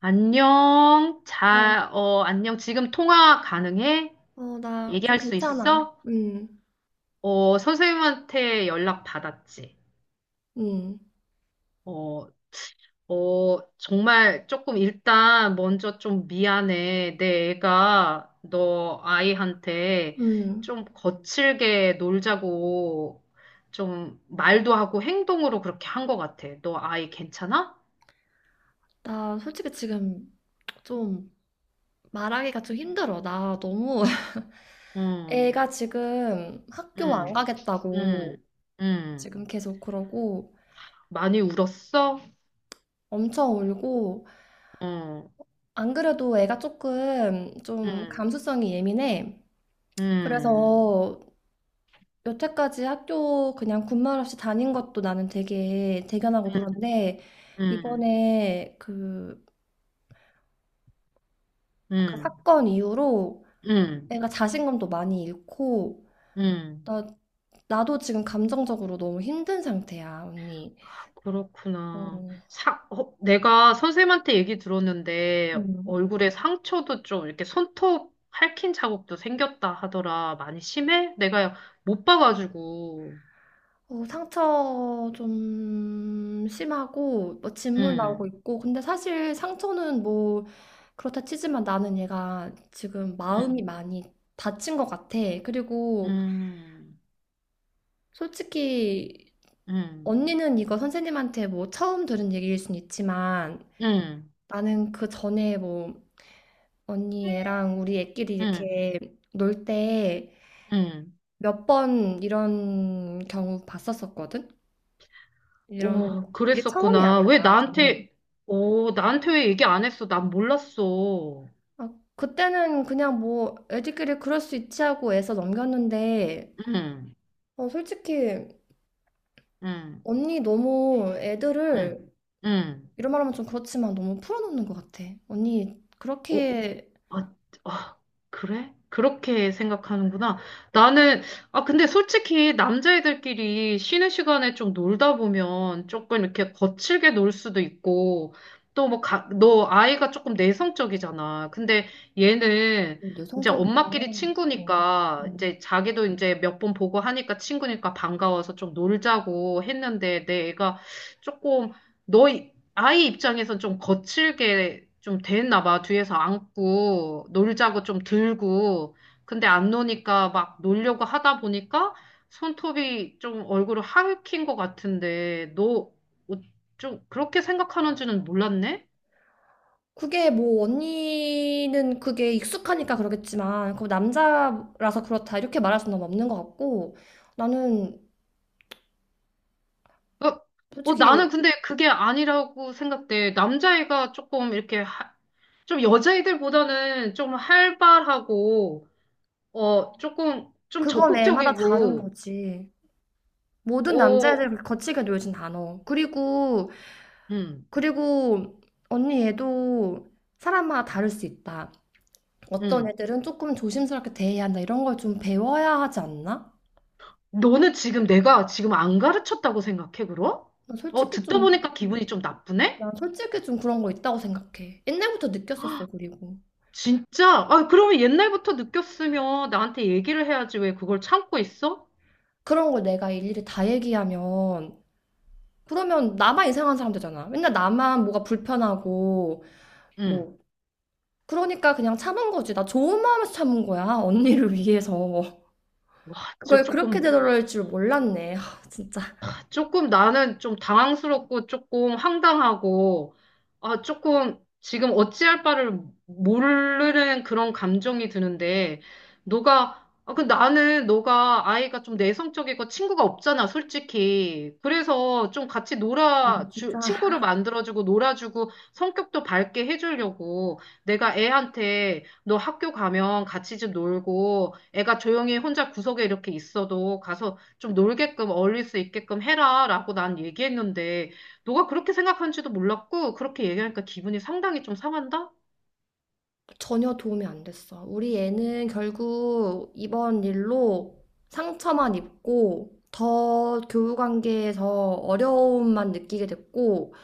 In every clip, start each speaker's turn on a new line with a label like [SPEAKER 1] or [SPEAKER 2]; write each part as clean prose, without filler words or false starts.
[SPEAKER 1] 안녕.
[SPEAKER 2] 어,
[SPEAKER 1] 안녕. 지금 통화 가능해?
[SPEAKER 2] 나 좀
[SPEAKER 1] 얘기할 수
[SPEAKER 2] 괜찮아.
[SPEAKER 1] 있어?
[SPEAKER 2] 응.
[SPEAKER 1] 선생님한테 연락 받았지.
[SPEAKER 2] 응.
[SPEAKER 1] 어, 정말 조금 일단 먼저 좀 미안해. 내 애가 너 아이한테
[SPEAKER 2] 응.
[SPEAKER 1] 좀 거칠게 놀자고 좀 말도 하고 행동으로 그렇게 한 것 같아. 너 아이 괜찮아?
[SPEAKER 2] 나 솔직히 지금 좀 말하기가 좀 힘들어. 나 너무
[SPEAKER 1] 응,
[SPEAKER 2] 애가 지금 학교 안
[SPEAKER 1] 응,
[SPEAKER 2] 가겠다고
[SPEAKER 1] 응, 응.
[SPEAKER 2] 지금 계속 그러고
[SPEAKER 1] 많이 울었어?
[SPEAKER 2] 엄청 울고.
[SPEAKER 1] 응.
[SPEAKER 2] 안 그래도 애가 조금 좀
[SPEAKER 1] 음,
[SPEAKER 2] 감수성이 예민해.
[SPEAKER 1] 음,
[SPEAKER 2] 그래서 여태까지 학교 그냥 군말 없이 다닌 것도 나는 되게 대견하고 그런데
[SPEAKER 1] 음,
[SPEAKER 2] 이번에 그
[SPEAKER 1] 음,
[SPEAKER 2] 사건 이후로
[SPEAKER 1] 음,
[SPEAKER 2] 내가 자신감도 많이 잃고,
[SPEAKER 1] 음.
[SPEAKER 2] 나, 나도 지금 감정적으로 너무 힘든 상태야, 언니.
[SPEAKER 1] 그렇구나.
[SPEAKER 2] 어.
[SPEAKER 1] 내가 선생님한테 얘기 들었는데
[SPEAKER 2] 음.
[SPEAKER 1] 얼굴에 상처도 좀 이렇게 손톱 핥힌 자국도 생겼다 하더라. 많이 심해? 내가 못 봐가지고.
[SPEAKER 2] 어, 상처 좀 심하고, 뭐 진물 나오고
[SPEAKER 1] 음,
[SPEAKER 2] 있고, 근데 사실 상처는 뭐, 그렇다 치지만 나는 얘가 지금
[SPEAKER 1] 음,
[SPEAKER 2] 마음이 많이 다친 것 같아. 그리고
[SPEAKER 1] 음,
[SPEAKER 2] 솔직히
[SPEAKER 1] 음,
[SPEAKER 2] 언니는 이거 선생님한테 뭐 처음 들은 얘기일 순 있지만
[SPEAKER 1] 음,
[SPEAKER 2] 나는 그 전에 뭐 언니 애랑 우리 애끼리
[SPEAKER 1] 음,
[SPEAKER 2] 이렇게 놀 때
[SPEAKER 1] 음.
[SPEAKER 2] 몇 번 이런 경우 봤었었거든? 이런,
[SPEAKER 1] 오,
[SPEAKER 2] 이게 처음이
[SPEAKER 1] 그랬었구나.
[SPEAKER 2] 아니야, 나한테는.
[SPEAKER 1] 오, 나한테 왜 얘기 안 했어? 난 몰랐어.
[SPEAKER 2] 아, 그때는 그냥 뭐 애들끼리 그럴 수 있지 하고 애써 넘겼는데,
[SPEAKER 1] 음,
[SPEAKER 2] 어, 솔직히
[SPEAKER 1] 음.
[SPEAKER 2] 언니 너무
[SPEAKER 1] 응, 응.
[SPEAKER 2] 이런 말 하면 좀 그렇지만 너무 풀어놓는 것 같아. 언니
[SPEAKER 1] 어,
[SPEAKER 2] 그렇게
[SPEAKER 1] 아, 아, 그래? 그렇게 생각하는구나. 나는, 아, 근데 솔직히 남자애들끼리 쉬는 시간에 좀 놀다 보면 조금 이렇게 거칠게 놀 수도 있고, 또 뭐, 너 아이가 조금 내성적이잖아. 근데 얘는 이제
[SPEAKER 2] 여성적이야.
[SPEAKER 1] 엄마끼리
[SPEAKER 2] 어.
[SPEAKER 1] 친구니까,
[SPEAKER 2] 음.
[SPEAKER 1] 이제 자기도 이제 몇 번 보고 하니까 친구니까 반가워서 좀 놀자고 했는데, 내 애가 조금, 너, 아이 입장에선 좀 거칠게 좀 됐나 봐. 뒤에서 안고 놀자고 좀 들고. 근데 안 노니까 막 놀려고 하다 보니까 손톱이 좀 얼굴을 하익힌 것 같은데 너 좀 그렇게 생각하는지는 몰랐네?
[SPEAKER 2] 그게 뭐 언니는 그게 익숙하니까 그러겠지만 그 남자라서 그렇다 이렇게 말할 수는 없는 것 같고 나는
[SPEAKER 1] 어,
[SPEAKER 2] 솔직히
[SPEAKER 1] 나는 근데 그게 아니라고 생각돼. 남자애가 조금 이렇게 좀 여자애들보다는 좀 활발하고 조금 좀
[SPEAKER 2] 그건 애마다 다른
[SPEAKER 1] 적극적이고.
[SPEAKER 2] 거지. 모든 남자애들
[SPEAKER 1] 어
[SPEAKER 2] 그렇게 거칠게 놀진 않아. 그리고
[SPEAKER 1] 음.
[SPEAKER 2] 그리고 언니 얘도 사람마다 다를 수 있다. 어떤
[SPEAKER 1] 음.
[SPEAKER 2] 애들은 조금 조심스럽게 대해야 한다 이런 걸 좀 배워야 하지 않나?
[SPEAKER 1] 너는 지금 내가 지금 안 가르쳤다고 생각해, 그럼?
[SPEAKER 2] 난
[SPEAKER 1] 어,
[SPEAKER 2] 솔직히
[SPEAKER 1] 듣다
[SPEAKER 2] 좀
[SPEAKER 1] 보니까 기분이 좀 나쁘네?
[SPEAKER 2] 난 솔직히 좀 그런 거 있다고 생각해. 옛날부터 느꼈었어. 그리고
[SPEAKER 1] 진짜? 아, 그러면 옛날부터 느꼈으면 나한테 얘기를 해야지 왜 그걸 참고 있어?
[SPEAKER 2] 그런 걸 내가 일일이 다 얘기하면 그러면 나만 이상한 사람 되잖아. 맨날 나만 뭐가 불편하고
[SPEAKER 1] 응.
[SPEAKER 2] 뭐. 그러니까 그냥 참은 거지. 나 좋은 마음에서 참은 거야. 언니를 위해서.
[SPEAKER 1] 진짜
[SPEAKER 2] 그걸 그렇게
[SPEAKER 1] 조금
[SPEAKER 2] 되돌릴 줄 몰랐네. 하, 진짜.
[SPEAKER 1] 조금 나는 좀 당황스럽고 조금 황당하고, 아, 조금 지금 어찌할 바를 모르는 그런 감정이 드는데, 너가, 아, 그 나는 너가 아이가 좀 내성적이고 친구가 없잖아, 솔직히. 그래서 좀
[SPEAKER 2] 진짜
[SPEAKER 1] 친구를 만들어주고 놀아주고 성격도 밝게 해주려고 내가 애한테 너 학교 가면 같이 좀 놀고 애가 조용히 혼자 구석에 이렇게 있어도 가서 좀 놀게끔 어울릴 수 있게끔 해라라고 난 얘기했는데 너가 그렇게 생각하는지도 몰랐고 그렇게 얘기하니까 기분이 상당히 좀 상한다?
[SPEAKER 2] 전혀 도움이 안 됐어. 우리 애는 결국 이번 일로 상처만 입고 더 교우 관계에서 어려움만 느끼게 됐고.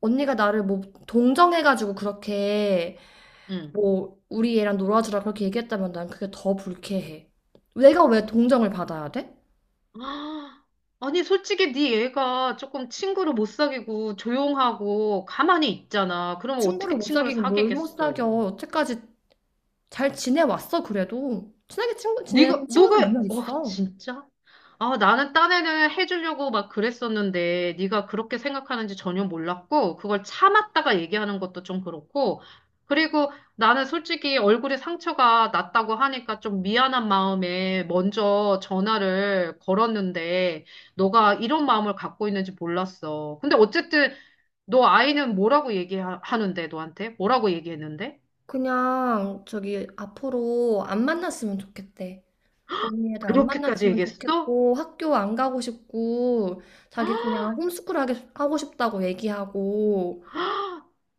[SPEAKER 2] 언니가 나를 뭐 동정해가지고 그렇게
[SPEAKER 1] 응.
[SPEAKER 2] 뭐 우리 애랑 놀아주라 그렇게 얘기했다면 난 그게 더 불쾌해. 내가 왜 동정을 받아야 돼?
[SPEAKER 1] 아, 아니 솔직히 네 얘가 조금 친구를 못 사귀고 조용하고 가만히 있잖아. 그러면
[SPEAKER 2] 친구를
[SPEAKER 1] 어떻게
[SPEAKER 2] 못
[SPEAKER 1] 친구를
[SPEAKER 2] 사귀고 뭘 못
[SPEAKER 1] 사귀겠어?
[SPEAKER 2] 사겨. 여태까지 잘 지내왔어 그래도. 친하게 친구
[SPEAKER 1] 네가
[SPEAKER 2] 지내는 친구들 몇
[SPEAKER 1] 너가
[SPEAKER 2] 명
[SPEAKER 1] 어
[SPEAKER 2] 있어.
[SPEAKER 1] 진짜? 아 나는 딴 애는 해주려고 막 그랬었는데 네가 그렇게 생각하는지 전혀 몰랐고 그걸 참았다가 얘기하는 것도 좀 그렇고. 그리고 나는 솔직히 얼굴에 상처가 났다고 하니까 좀 미안한 마음에 먼저 전화를 걸었는데 너가 이런 마음을 갖고 있는지 몰랐어. 근데 어쨌든 너 아이는 뭐라고 얘기하는데 너한테? 뭐라고 얘기했는데?
[SPEAKER 2] 그냥 저기 앞으로 안 만났으면 좋겠대. 언니 애들 안
[SPEAKER 1] 그렇게까지
[SPEAKER 2] 만났으면
[SPEAKER 1] 얘기했어?
[SPEAKER 2] 좋겠고 학교 안 가고 싶고 자기 그냥 홈스쿨 하게 하고 싶다고 얘기하고.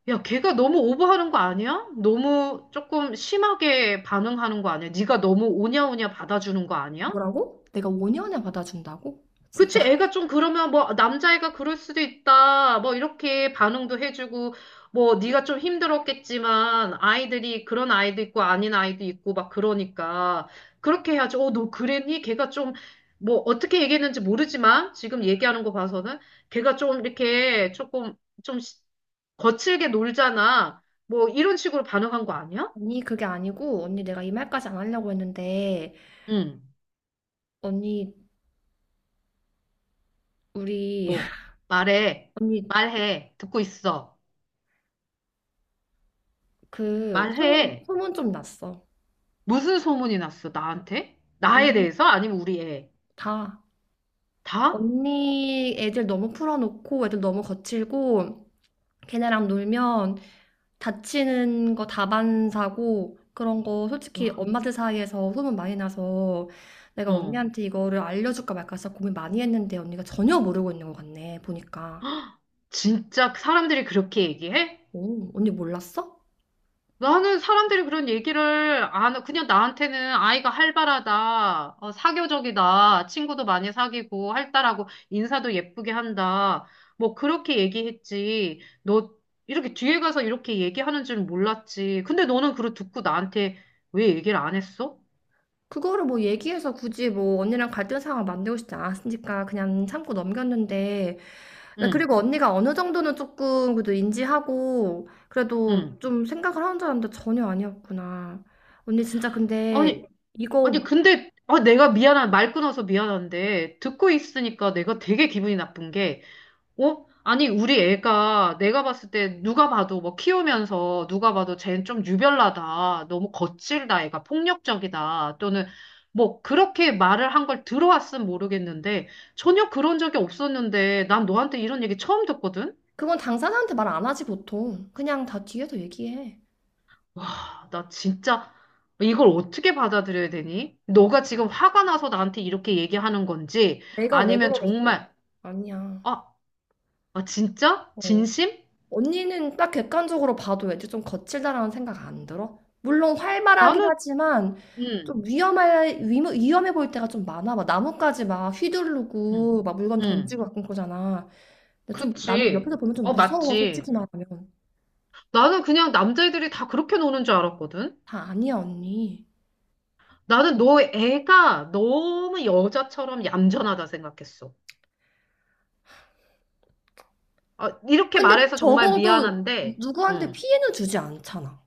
[SPEAKER 1] 야, 걔가 너무 오버하는 거 아니야? 너무 조금 심하게 반응하는 거 아니야? 네가 너무 오냐오냐 받아주는 거 아니야?
[SPEAKER 2] 뭐라고? 내가 5년에 받아준다고? 진짜.
[SPEAKER 1] 그치, 애가 좀 그러면 뭐 남자애가 그럴 수도 있다. 뭐 이렇게 반응도 해주고 뭐 네가 좀 힘들었겠지만 아이들이 그런 아이도 있고 아닌 아이도 있고 막 그러니까 그렇게 해야지. 어, 너 그랬니? 걔가 좀 뭐 어떻게 얘기했는지 모르지만 지금 얘기하는 거 봐서는 걔가 좀 이렇게 조금 좀 거칠게 놀잖아. 뭐 이런 식으로 반응한 거 아니야?
[SPEAKER 2] 언니 그게 아니고 언니 내가 이 말까지 안 하려고 했는데
[SPEAKER 1] 응.
[SPEAKER 2] 언니 우리
[SPEAKER 1] 뭐 말해.
[SPEAKER 2] 언니
[SPEAKER 1] 말해. 듣고 있어.
[SPEAKER 2] 그
[SPEAKER 1] 말해.
[SPEAKER 2] 소문 좀 났어.
[SPEAKER 1] 무슨 소문이 났어? 나한테? 나에
[SPEAKER 2] 언니
[SPEAKER 1] 대해서? 아니면 우리 애?
[SPEAKER 2] 다.
[SPEAKER 1] 다?
[SPEAKER 2] 언니 애들 너무 풀어놓고 애들 너무 거칠고 걔네랑 놀면 다치는 거 다반 사고 그런 거 솔직히
[SPEAKER 1] 와.
[SPEAKER 2] 엄마들 사이에서 소문 많이 나서. 내가
[SPEAKER 1] 어.
[SPEAKER 2] 언니한테 이거를 알려줄까 말까 진짜 고민 많이 했는데 언니가 전혀 모르고 있는 것 같네 보니까.
[SPEAKER 1] 진짜 사람들이 그렇게 얘기해?
[SPEAKER 2] 오, 언니 몰랐어?
[SPEAKER 1] 나는 사람들이 그런 얘기를 안, 그냥 나한테는 아이가 활발하다, 어, 사교적이다, 친구도 많이 사귀고, 활달하고, 인사도 예쁘게 한다. 뭐, 그렇게 얘기했지. 이렇게 뒤에 가서 이렇게 얘기하는 줄 몰랐지. 근데 너는 그걸 듣고 나한테 왜 얘기를 안 했어?
[SPEAKER 2] 그거를 뭐 얘기해서 굳이 뭐 언니랑 갈등 상황 만들고 싶지 않았으니까 그냥 참고 넘겼는데. 나
[SPEAKER 1] 응,
[SPEAKER 2] 그리고 언니가 어느 정도는 조금 그래도 인지하고 그래도
[SPEAKER 1] 응.
[SPEAKER 2] 좀 생각을 하는 줄 알았는데 전혀 아니었구나. 언니 진짜 근데
[SPEAKER 1] 아니,
[SPEAKER 2] 이거
[SPEAKER 1] 아니, 근데, 내가 미안한, 말 끊어서 미안한데, 듣고 있으니까 내가 되게 기분이 나쁜 게, 어? 아니, 우리 애가 내가 봤을 때 누가 봐도 뭐 키우면서 누가 봐도 쟤는 좀 유별나다. 너무 거칠다. 애가 폭력적이다. 또는 뭐 그렇게 말을 한 걸 들어왔으면 모르겠는데 전혀 그런 적이 없었는데 난 너한테 이런 얘기 처음 듣거든?
[SPEAKER 2] 그건 당사자한테 말 안 하지 보통. 그냥 다 뒤에서 얘기해.
[SPEAKER 1] 와, 나 진짜 이걸 어떻게 받아들여야 되니? 너가 지금 화가 나서 나한테 이렇게 얘기하는 건지
[SPEAKER 2] 내가 왜
[SPEAKER 1] 아니면
[SPEAKER 2] 그러겠어.
[SPEAKER 1] 정말,
[SPEAKER 2] 아니야.
[SPEAKER 1] 아, 아 진짜?
[SPEAKER 2] 어.
[SPEAKER 1] 진심?
[SPEAKER 2] 언니는 딱 객관적으로 봐도 왠지 좀 거칠다라는 생각 안 들어? 물론 활발하긴
[SPEAKER 1] 나는.
[SPEAKER 2] 하지만 좀
[SPEAKER 1] 음.
[SPEAKER 2] 위험해, 위험해 보일 때가 좀 많아. 막 나뭇가지 막
[SPEAKER 1] 음.
[SPEAKER 2] 휘두르고 막 물건
[SPEAKER 1] 음.
[SPEAKER 2] 던지고 가끔 그러잖아. 근데 좀 나는
[SPEAKER 1] 그치.
[SPEAKER 2] 옆에서 보면 좀
[SPEAKER 1] 어,
[SPEAKER 2] 무서워,
[SPEAKER 1] 맞지.
[SPEAKER 2] 솔직히 말하면.
[SPEAKER 1] 나는 그냥 남자애들이 다 그렇게 노는 줄 알았거든.
[SPEAKER 2] 다 아니야, 언니.
[SPEAKER 1] 나는 너 애가 너무 여자처럼 얌전하다 생각했어. 아, 이렇게
[SPEAKER 2] 근데
[SPEAKER 1] 말해서 정말
[SPEAKER 2] 적어도
[SPEAKER 1] 미안한데,
[SPEAKER 2] 누구한테
[SPEAKER 1] 응.
[SPEAKER 2] 피해는 주지 않잖아.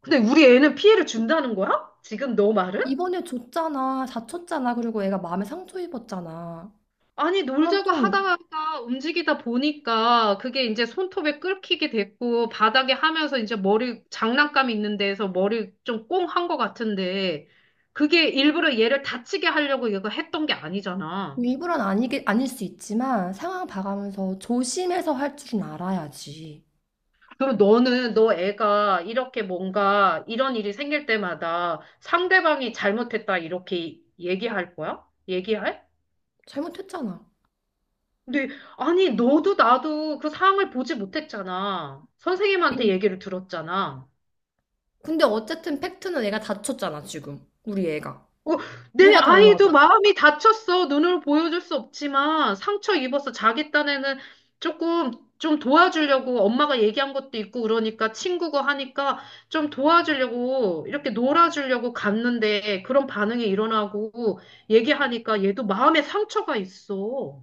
[SPEAKER 1] 근데 우리 애는 피해를 준다는 거야? 지금 너 말은?
[SPEAKER 2] 이번에 줬잖아, 다쳤잖아, 그리고 애가 마음에 상처 입었잖아.
[SPEAKER 1] 아니,
[SPEAKER 2] 그럼
[SPEAKER 1] 놀자고
[SPEAKER 2] 좀
[SPEAKER 1] 하다가 움직이다 보니까 그게 이제 손톱에 끓기게 됐고, 바닥에 하면서 이제 머리, 장난감 있는 데에서 머리 좀 꽁 한 것 같은데, 그게 일부러 얘를 다치게 하려고 이거 했던 게 아니잖아.
[SPEAKER 2] 일부러는 아니게, 아닐 수 있지만 상황 봐가면서 조심해서 할 줄은 알아야지.
[SPEAKER 1] 그럼 너는, 너 애가 이렇게 뭔가 이런 일이 생길 때마다 상대방이 잘못했다 이렇게 얘기할 거야? 얘기할?
[SPEAKER 2] 잘못했잖아.
[SPEAKER 1] 근데, 아니, 너도 나도 그 상황을 보지 못했잖아. 선생님한테 얘기를 들었잖아.
[SPEAKER 2] 근데 어쨌든 팩트는 애가 다쳤잖아, 지금. 우리 애가.
[SPEAKER 1] 어, 내
[SPEAKER 2] 뭐가
[SPEAKER 1] 아이도
[SPEAKER 2] 달라져?
[SPEAKER 1] 마음이 다쳤어. 눈으로 보여줄 수 없지만 상처 입어서 자기 딴에는 조금 좀 도와주려고 엄마가 얘기한 것도 있고 그러니까 친구고 하니까 좀 도와주려고 이렇게 놀아주려고 갔는데 그런 반응이 일어나고 얘기하니까 얘도 마음에 상처가 있어.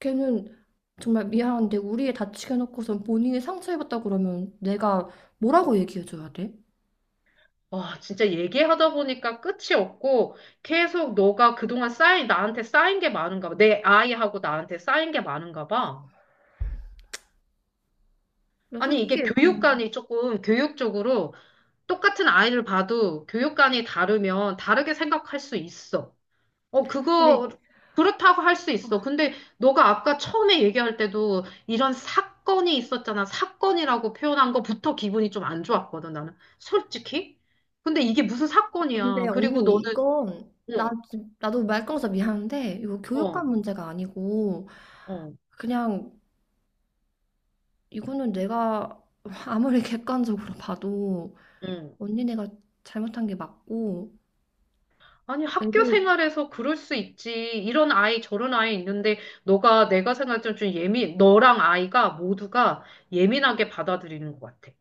[SPEAKER 2] 걔는 정말 미안한데 우리 애 다치게 해놓고선 본인이 상처입었다 그러면 내가 뭐라고 얘기해줘야 돼?
[SPEAKER 1] 와, 진짜 얘기하다 보니까 끝이 없고 계속 너가 그동안 나한테 쌓인 게 많은가 봐. 내 아이하고 나한테 쌓인 게 많은가 봐.
[SPEAKER 2] 나
[SPEAKER 1] 아니,
[SPEAKER 2] 솔직히,
[SPEAKER 1] 이게 교육관이 조금 교육적으로 똑같은 아이를 봐도 교육관이 다르면 다르게 생각할 수 있어. 어,
[SPEAKER 2] 근데,
[SPEAKER 1] 그거, 그렇다고 할 수 있어. 근데 너가 아까 처음에 얘기할 때도 이런 사건이 있었잖아. 사건이라고 표현한 거부터 기분이 좀 안 좋았거든, 나는. 솔직히. 근데 이게 무슨
[SPEAKER 2] 근데
[SPEAKER 1] 사건이야. 그리고
[SPEAKER 2] 언니,
[SPEAKER 1] 너는,
[SPEAKER 2] 이건 나도 말꺼어서 미안한데 이거
[SPEAKER 1] 어, 어,
[SPEAKER 2] 교육감 문제가 아니고
[SPEAKER 1] 어,
[SPEAKER 2] 그냥 이거는 내가 아무리 객관적으로 봐도
[SPEAKER 1] 응.
[SPEAKER 2] 언니네가 잘못한 게 맞고
[SPEAKER 1] 아니, 학교
[SPEAKER 2] 애들.
[SPEAKER 1] 생활에서 그럴 수 있지. 이런 아이, 저런 아이 있는데, 너가 내가 생각할 때는 좀 예민, 너랑 아이가 모두가 예민하게 받아들이는 것 같아.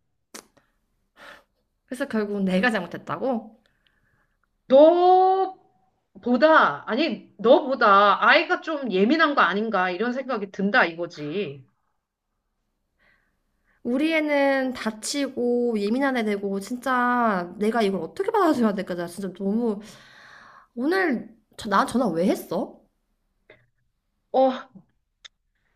[SPEAKER 2] 그래서 결국은 내가 잘못했다고?
[SPEAKER 1] 너보다, 아니, 너보다 아이가 좀 예민한 거 아닌가, 이런 생각이 든다, 이거지.
[SPEAKER 2] 우리 애는 다치고 예민한 애 되고. 진짜 내가 이걸 어떻게 받아줘야 될까? 나 진짜 너무 오늘 저, 나 전화 왜 했어?
[SPEAKER 1] 어,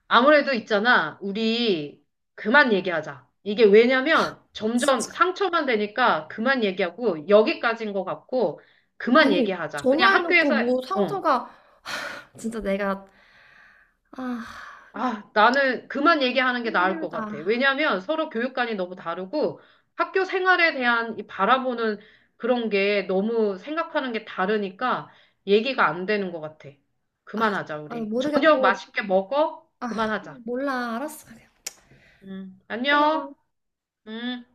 [SPEAKER 1] 아무래도 있잖아. 우리 그만 얘기하자. 이게 왜냐면 점점
[SPEAKER 2] 진짜.
[SPEAKER 1] 상처만 되니까 그만 얘기하고, 여기까지인 것 같고, 그만
[SPEAKER 2] 아니
[SPEAKER 1] 얘기하자.
[SPEAKER 2] 전화해놓고 뭐
[SPEAKER 1] 어.
[SPEAKER 2] 상처가 진짜 내가 아
[SPEAKER 1] 아, 나는 그만 얘기하는 게 나을 것
[SPEAKER 2] 힘들다.
[SPEAKER 1] 같아. 왜냐하면 서로 교육관이 너무 다르고 학교 생활에 대한 이 바라보는 그런 게 너무 생각하는 게 다르니까 얘기가 안 되는 것 같아. 그만하자,
[SPEAKER 2] 아
[SPEAKER 1] 우리. 저녁
[SPEAKER 2] 모르겠고
[SPEAKER 1] 맛있게 먹어?
[SPEAKER 2] 아
[SPEAKER 1] 그만하자.
[SPEAKER 2] 몰라 알았어 그냥
[SPEAKER 1] 안녕.
[SPEAKER 2] 끊어.
[SPEAKER 1] 음.